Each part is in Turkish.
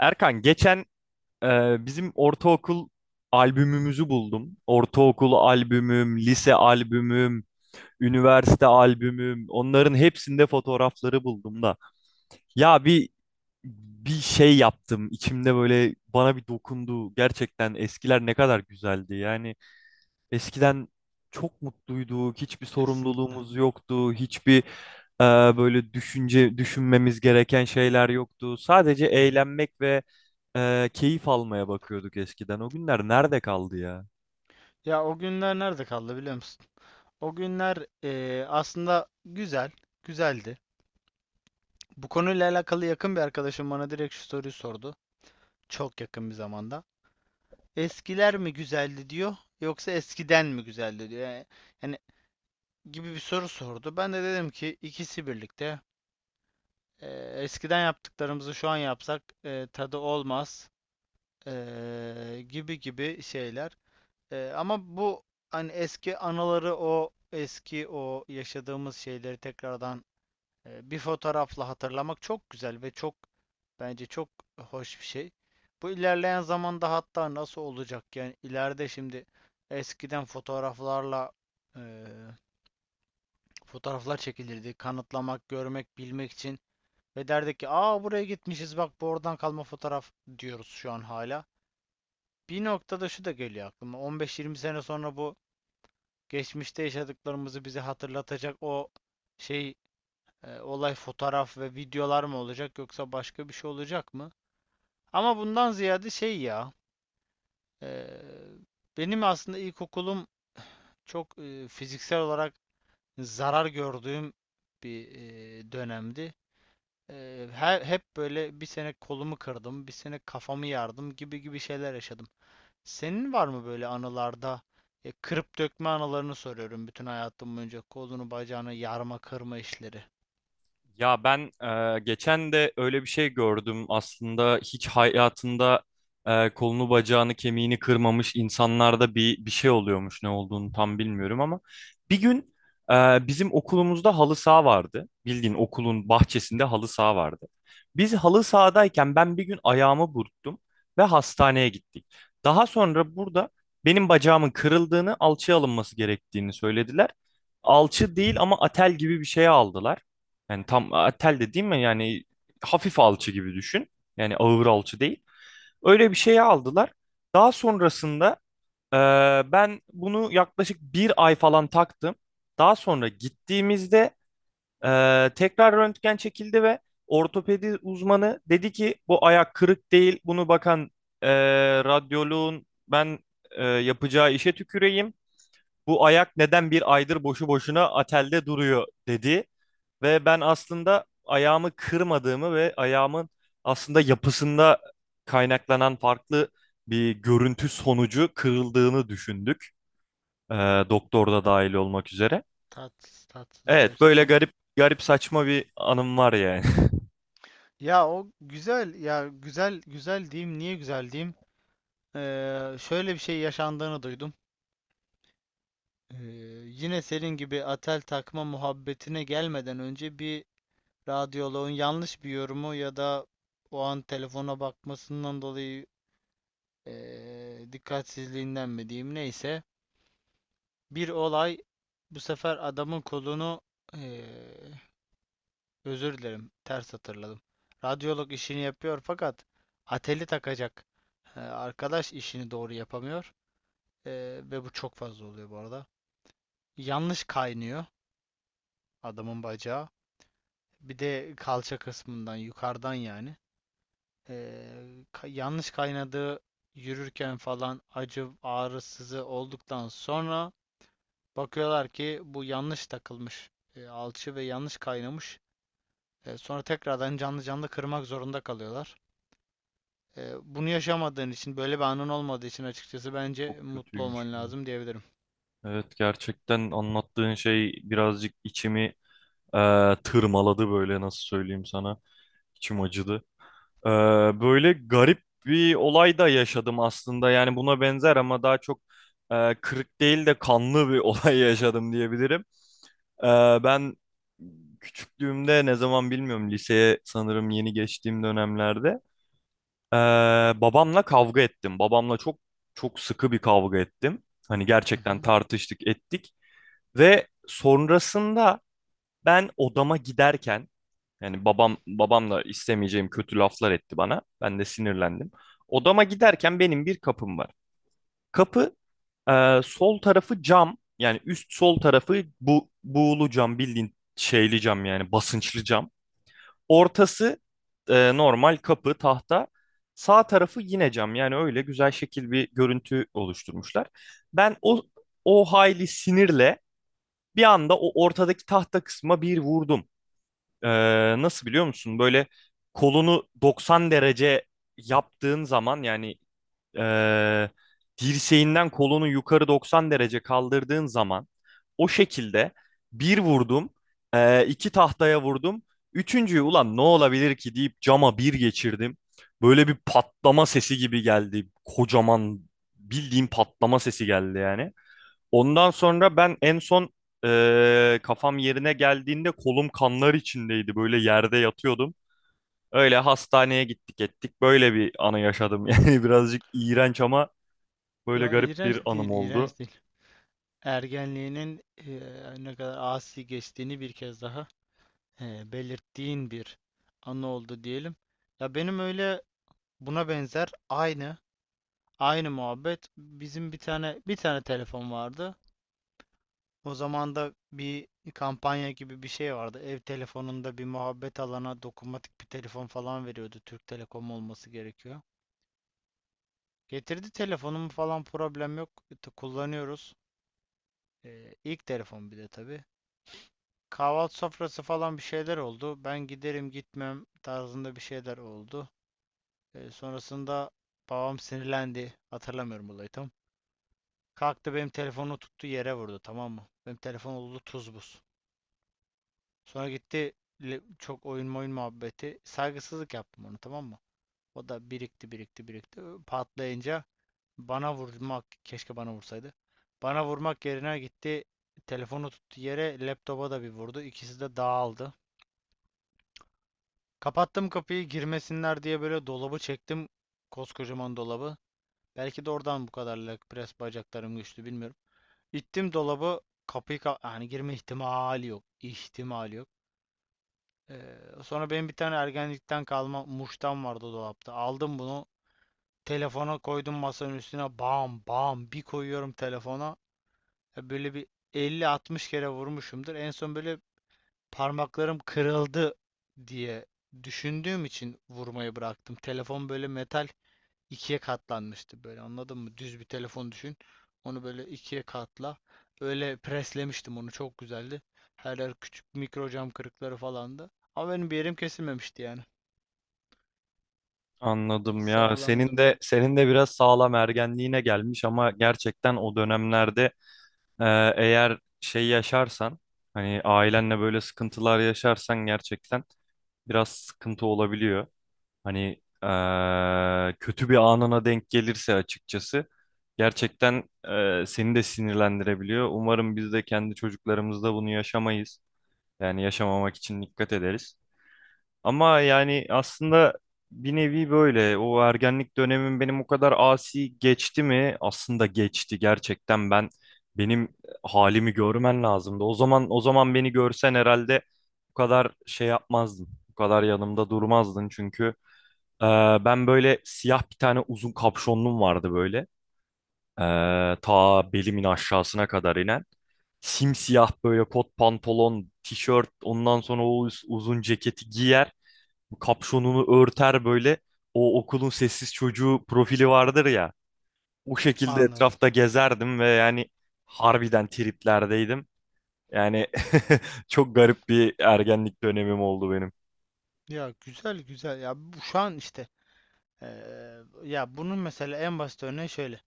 Erkan geçen bizim ortaokul albümümüzü buldum. Ortaokul albümüm, lise albümüm, üniversite albümüm. Onların hepsinde fotoğrafları buldum da. Ya bir şey yaptım. İçimde böyle bana bir dokundu. Gerçekten eskiler ne kadar güzeldi. Yani eskiden çok mutluyduk, hiçbir Kesin. sorumluluğumuz yoktu, hiçbir böyle düşünmemiz gereken şeyler yoktu. Sadece Hı hı. eğlenmek ve keyif almaya bakıyorduk eskiden. O günler nerede kaldı ya? Ya o günler nerede kaldı biliyor musun? O günler aslında güzeldi. Bu konuyla alakalı yakın bir arkadaşım bana direkt şu soruyu sordu. Çok yakın bir zamanda. Eskiler mi güzeldi diyor, yoksa eskiden mi güzeldi diyor. Yani gibi bir soru sordu. Ben de dedim ki ikisi birlikte. Eskiden yaptıklarımızı şu an yapsak tadı olmaz gibi gibi şeyler. Ama bu hani eski anıları o eski o yaşadığımız şeyleri tekrardan bir fotoğrafla hatırlamak çok güzel ve çok bence çok hoş bir şey. Bu ilerleyen zamanda hatta nasıl olacak yani ileride şimdi eskiden fotoğraflarla e, fotoğraflar çekilirdi. Kanıtlamak, görmek, bilmek için ve derdik ki aa buraya gitmişiz, bak bu oradan kalma fotoğraf diyoruz şu an hala. Bir noktada şu da geliyor aklıma. 15-20 sene sonra bu geçmişte yaşadıklarımızı bize hatırlatacak o şey, olay, fotoğraf ve videolar mı olacak yoksa başka bir şey olacak mı? Ama bundan ziyade şey ya, e, benim aslında ilkokulum çok fiziksel olarak zarar gördüğüm bir dönemdi. E, Hep böyle bir sene kolumu kırdım, bir sene kafamı yardım gibi gibi şeyler yaşadım. Senin var mı böyle anılarda, kırıp dökme anılarını soruyorum, bütün hayatım boyunca kolunu bacağını yarma kırma işleri. Ya ben geçen de öyle bir şey gördüm. Aslında hiç hayatında kolunu bacağını kemiğini kırmamış insanlarda bir şey oluyormuş. Ne olduğunu tam bilmiyorum ama bir gün bizim okulumuzda halı saha vardı. Bildiğin okulun bahçesinde halı saha vardı. Biz halı sahadayken ben bir gün ayağımı burktum ve hastaneye gittik. Daha sonra burada benim bacağımın kırıldığını, alçıya alınması gerektiğini söylediler. Alçı değil ama atel gibi bir şeye aldılar. Yani tam tel de değil mi? Yani hafif alçı gibi düşün. Yani ağır alçı değil. Öyle bir şeye aldılar. Daha sonrasında e, ben bunu yaklaşık bir ay falan taktım. Daha sonra gittiğimizde tekrar röntgen çekildi ve ortopedi uzmanı dedi ki bu ayak kırık değil. Bunu bakan e, radyoloğun ben yapacağı işe tüküreyim. Bu ayak neden bir aydır boşu boşuna atelde duruyor dedi. Ve ben aslında ayağımı kırmadığımı ve ayağımın aslında yapısında kaynaklanan farklı bir görüntü sonucu kırıldığını düşündük. Ee, Doktor da dahil olmak üzere. Tatsız tatsız Evet, böyle gerçekten. garip garip saçma bir anım var yani. Ya o güzel ya, güzel güzel diyeyim, niye güzel diyeyim. Şöyle bir şey yaşandığını duydum. Ee, Yine senin gibi atel takma muhabbetine gelmeden önce bir radyoloğun yanlış bir yorumu ya da o an telefona bakmasından dolayı dikkatsizliğinden mi diyeyim, neyse. Bir olay, bu sefer adamın kolunu eee, özür dilerim, ters hatırladım. Radyolog işini yapıyor fakat ateli takacak arkadaş işini doğru yapamıyor. Ve bu çok fazla oluyor bu arada. Yanlış kaynıyor adamın bacağı. Bir de kalça kısmından yukarıdan yani. Yanlış kaynadığı, yürürken falan acı ağrısızı olduktan sonra bakıyorlar ki bu yanlış takılmış alçı ve yanlış kaynamış. Sonra tekrardan canlı canlı kırmak zorunda kalıyorlar. Bunu yaşamadığın için, böyle bir anın olmadığı için açıkçası bence Çok mutlu kötüymüş olman bu. lazım diyebilirim. Evet, gerçekten anlattığın şey birazcık içimi tırmaladı böyle nasıl söyleyeyim sana. İçim acıdı. Ee, Böyle garip bir olay da yaşadım aslında. Yani buna benzer ama daha çok kırık değil de kanlı bir olay yaşadım diyebilirim. Ee, Ben küçüklüğümde ne zaman bilmiyorum liseye sanırım yeni geçtiğim dönemlerde ee, babamla kavga ettim. Babamla çok sıkı bir kavga ettim. Hani Hı gerçekten hı. tartıştık ettik ve sonrasında ben odama giderken yani babam da istemeyeceğim kötü laflar etti bana. Ben de sinirlendim. Odama giderken benim bir kapım var. Kapı sol tarafı cam. Yani üst sol tarafı bu buğulu cam bildiğin şeyli cam yani basınçlı cam. Ortası normal kapı tahta. Sağ tarafı yine cam. Yani öyle güzel şekil bir görüntü oluşturmuşlar. Ben o hayli sinirle bir anda o ortadaki tahta kısma bir vurdum. Ee, Nasıl biliyor musun? Böyle kolunu 90 derece yaptığın zaman yani ee, dirseğinden kolunu yukarı 90 derece kaldırdığın zaman o şekilde bir vurdum, iki tahtaya vurdum. Üçüncüyü ulan ne olabilir ki deyip cama bir geçirdim. Böyle bir patlama sesi gibi geldi. Kocaman bildiğim patlama sesi geldi yani. Ondan sonra ben en son kafam yerine geldiğinde kolum kanlar içindeydi. Böyle yerde yatıyordum. Öyle hastaneye gittik ettik. Böyle bir anı yaşadım. Yani birazcık iğrenç ama böyle Ya garip iğrenç bir anım değil, oldu. iğrenç değil. Ergenliğinin ne kadar asi geçtiğini bir kez daha belirttiğin bir anı oldu diyelim. Ya benim öyle buna benzer. Aynı muhabbet. Bizim bir tane telefon vardı. O zaman da bir kampanya gibi bir şey vardı. Ev telefonunda bir muhabbet alana dokunmatik bir telefon falan veriyordu. Türk Telekom olması gerekiyor. Getirdi telefonumu falan, problem yok. Kullanıyoruz. İlk telefon bir de tabii. Kahvaltı sofrası falan bir şeyler oldu. Ben giderim gitmem tarzında bir şeyler oldu. Sonrasında babam sinirlendi. Hatırlamıyorum olayı tam. Kalktı benim telefonu tuttu yere vurdu, tamam mı? Benim telefon oldu tuz buz. Sonra gitti çok oyun oyun muhabbeti. Saygısızlık yaptım onu, tamam mı? O da birikti. Patlayınca bana vurmak, keşke bana vursaydı. Bana vurmak yerine gitti telefonu tuttu yere, laptopa da bir vurdu. İkisi de dağıldı. Kapattım kapıyı girmesinler diye, böyle dolabı çektim. Koskocaman dolabı. Belki de oradan bu kadar leg press bacaklarım güçlü, bilmiyorum. İttim dolabı, kapıyı yani girme ihtimali yok. İhtimali yok. Sonra benim bir tane ergenlikten kalma muştan vardı dolapta. Aldım bunu. Telefona koydum masanın üstüne. Bam bam bir koyuyorum telefona. Ya, böyle bir 50-60 kere vurmuşumdur. En son böyle parmaklarım kırıldı diye düşündüğüm için vurmayı bıraktım. Telefon böyle metal ikiye katlanmıştı, böyle anladın mı? Düz bir telefon düşün. Onu böyle ikiye katla. Öyle preslemiştim onu, çok güzeldi. Her yer küçük mikro cam kırıkları falandı. Ama benim bir yerim kesilmemişti yani. Anladım ya. Sağlamdı Senin mı? de senin de biraz sağlam ergenliğine gelmiş ama gerçekten o dönemlerde eğer şey yaşarsan hani ailenle böyle sıkıntılar yaşarsan gerçekten biraz sıkıntı olabiliyor. Hani kötü bir anına denk gelirse açıkçası gerçekten seni de sinirlendirebiliyor. Umarım biz de kendi çocuklarımızda bunu yaşamayız. Yani yaşamamak için dikkat ederiz. Ama yani aslında bir nevi böyle o ergenlik dönemim benim o kadar asi geçti mi? Aslında geçti gerçekten ben benim halimi görmen lazımdı. O zaman beni görsen herhalde bu kadar şey yapmazdın. Bu kadar yanımda durmazdın çünkü ee, ben böyle siyah bir tane uzun kapşonluğum vardı böyle. Ta belimin aşağısına kadar inen. Simsiyah böyle kot pantolon, tişört, ondan sonra o uzun ceketi giyer. Kapşonunu örter böyle. O okulun sessiz çocuğu profili vardır ya. O şekilde Anladım. etrafta gezerdim ve yani harbiden triplerdeydim. Yani çok garip bir ergenlik dönemim oldu benim. Ya güzel güzel. Ya bu şu an işte ya bunun mesela en basit örneği şöyle.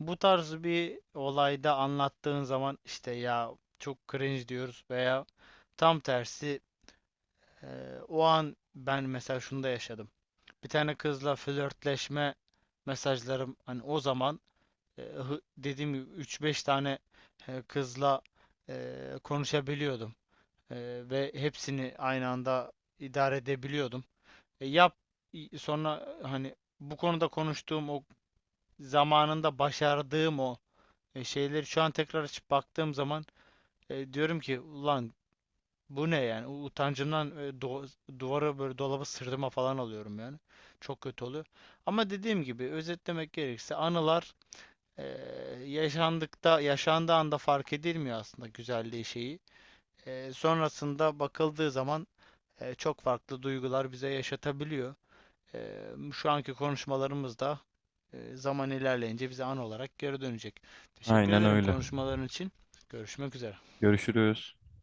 Bu tarz bir olayda anlattığın zaman işte ya çok cringe diyoruz veya tam tersi o an ben mesela şunu da yaşadım. Bir tane kızla flörtleşme mesajlarım, hani o zaman dediğim gibi 3-5 tane kızla konuşabiliyordum. Ve hepsini aynı anda idare edebiliyordum. E, yap Sonra hani bu konuda konuştuğum, o zamanında başardığım o şeyleri şu an tekrar açıp baktığım zaman diyorum ki ulan bu ne yani. Utancımdan duvara böyle, dolaba sırtıma falan alıyorum yani. Çok kötü oluyor ama dediğim gibi, özetlemek gerekirse anılar, e, yaşandıkta yaşandığı anda fark edilmiyor aslında güzelliği şeyi. Sonrasında bakıldığı zaman çok farklı duygular bize yaşatabiliyor. Şu anki konuşmalarımız da zaman ilerleyince bize an olarak geri dönecek. Teşekkür Aynen ederim öyle. konuşmaların için. Görüşmek üzere. Görüşürüz.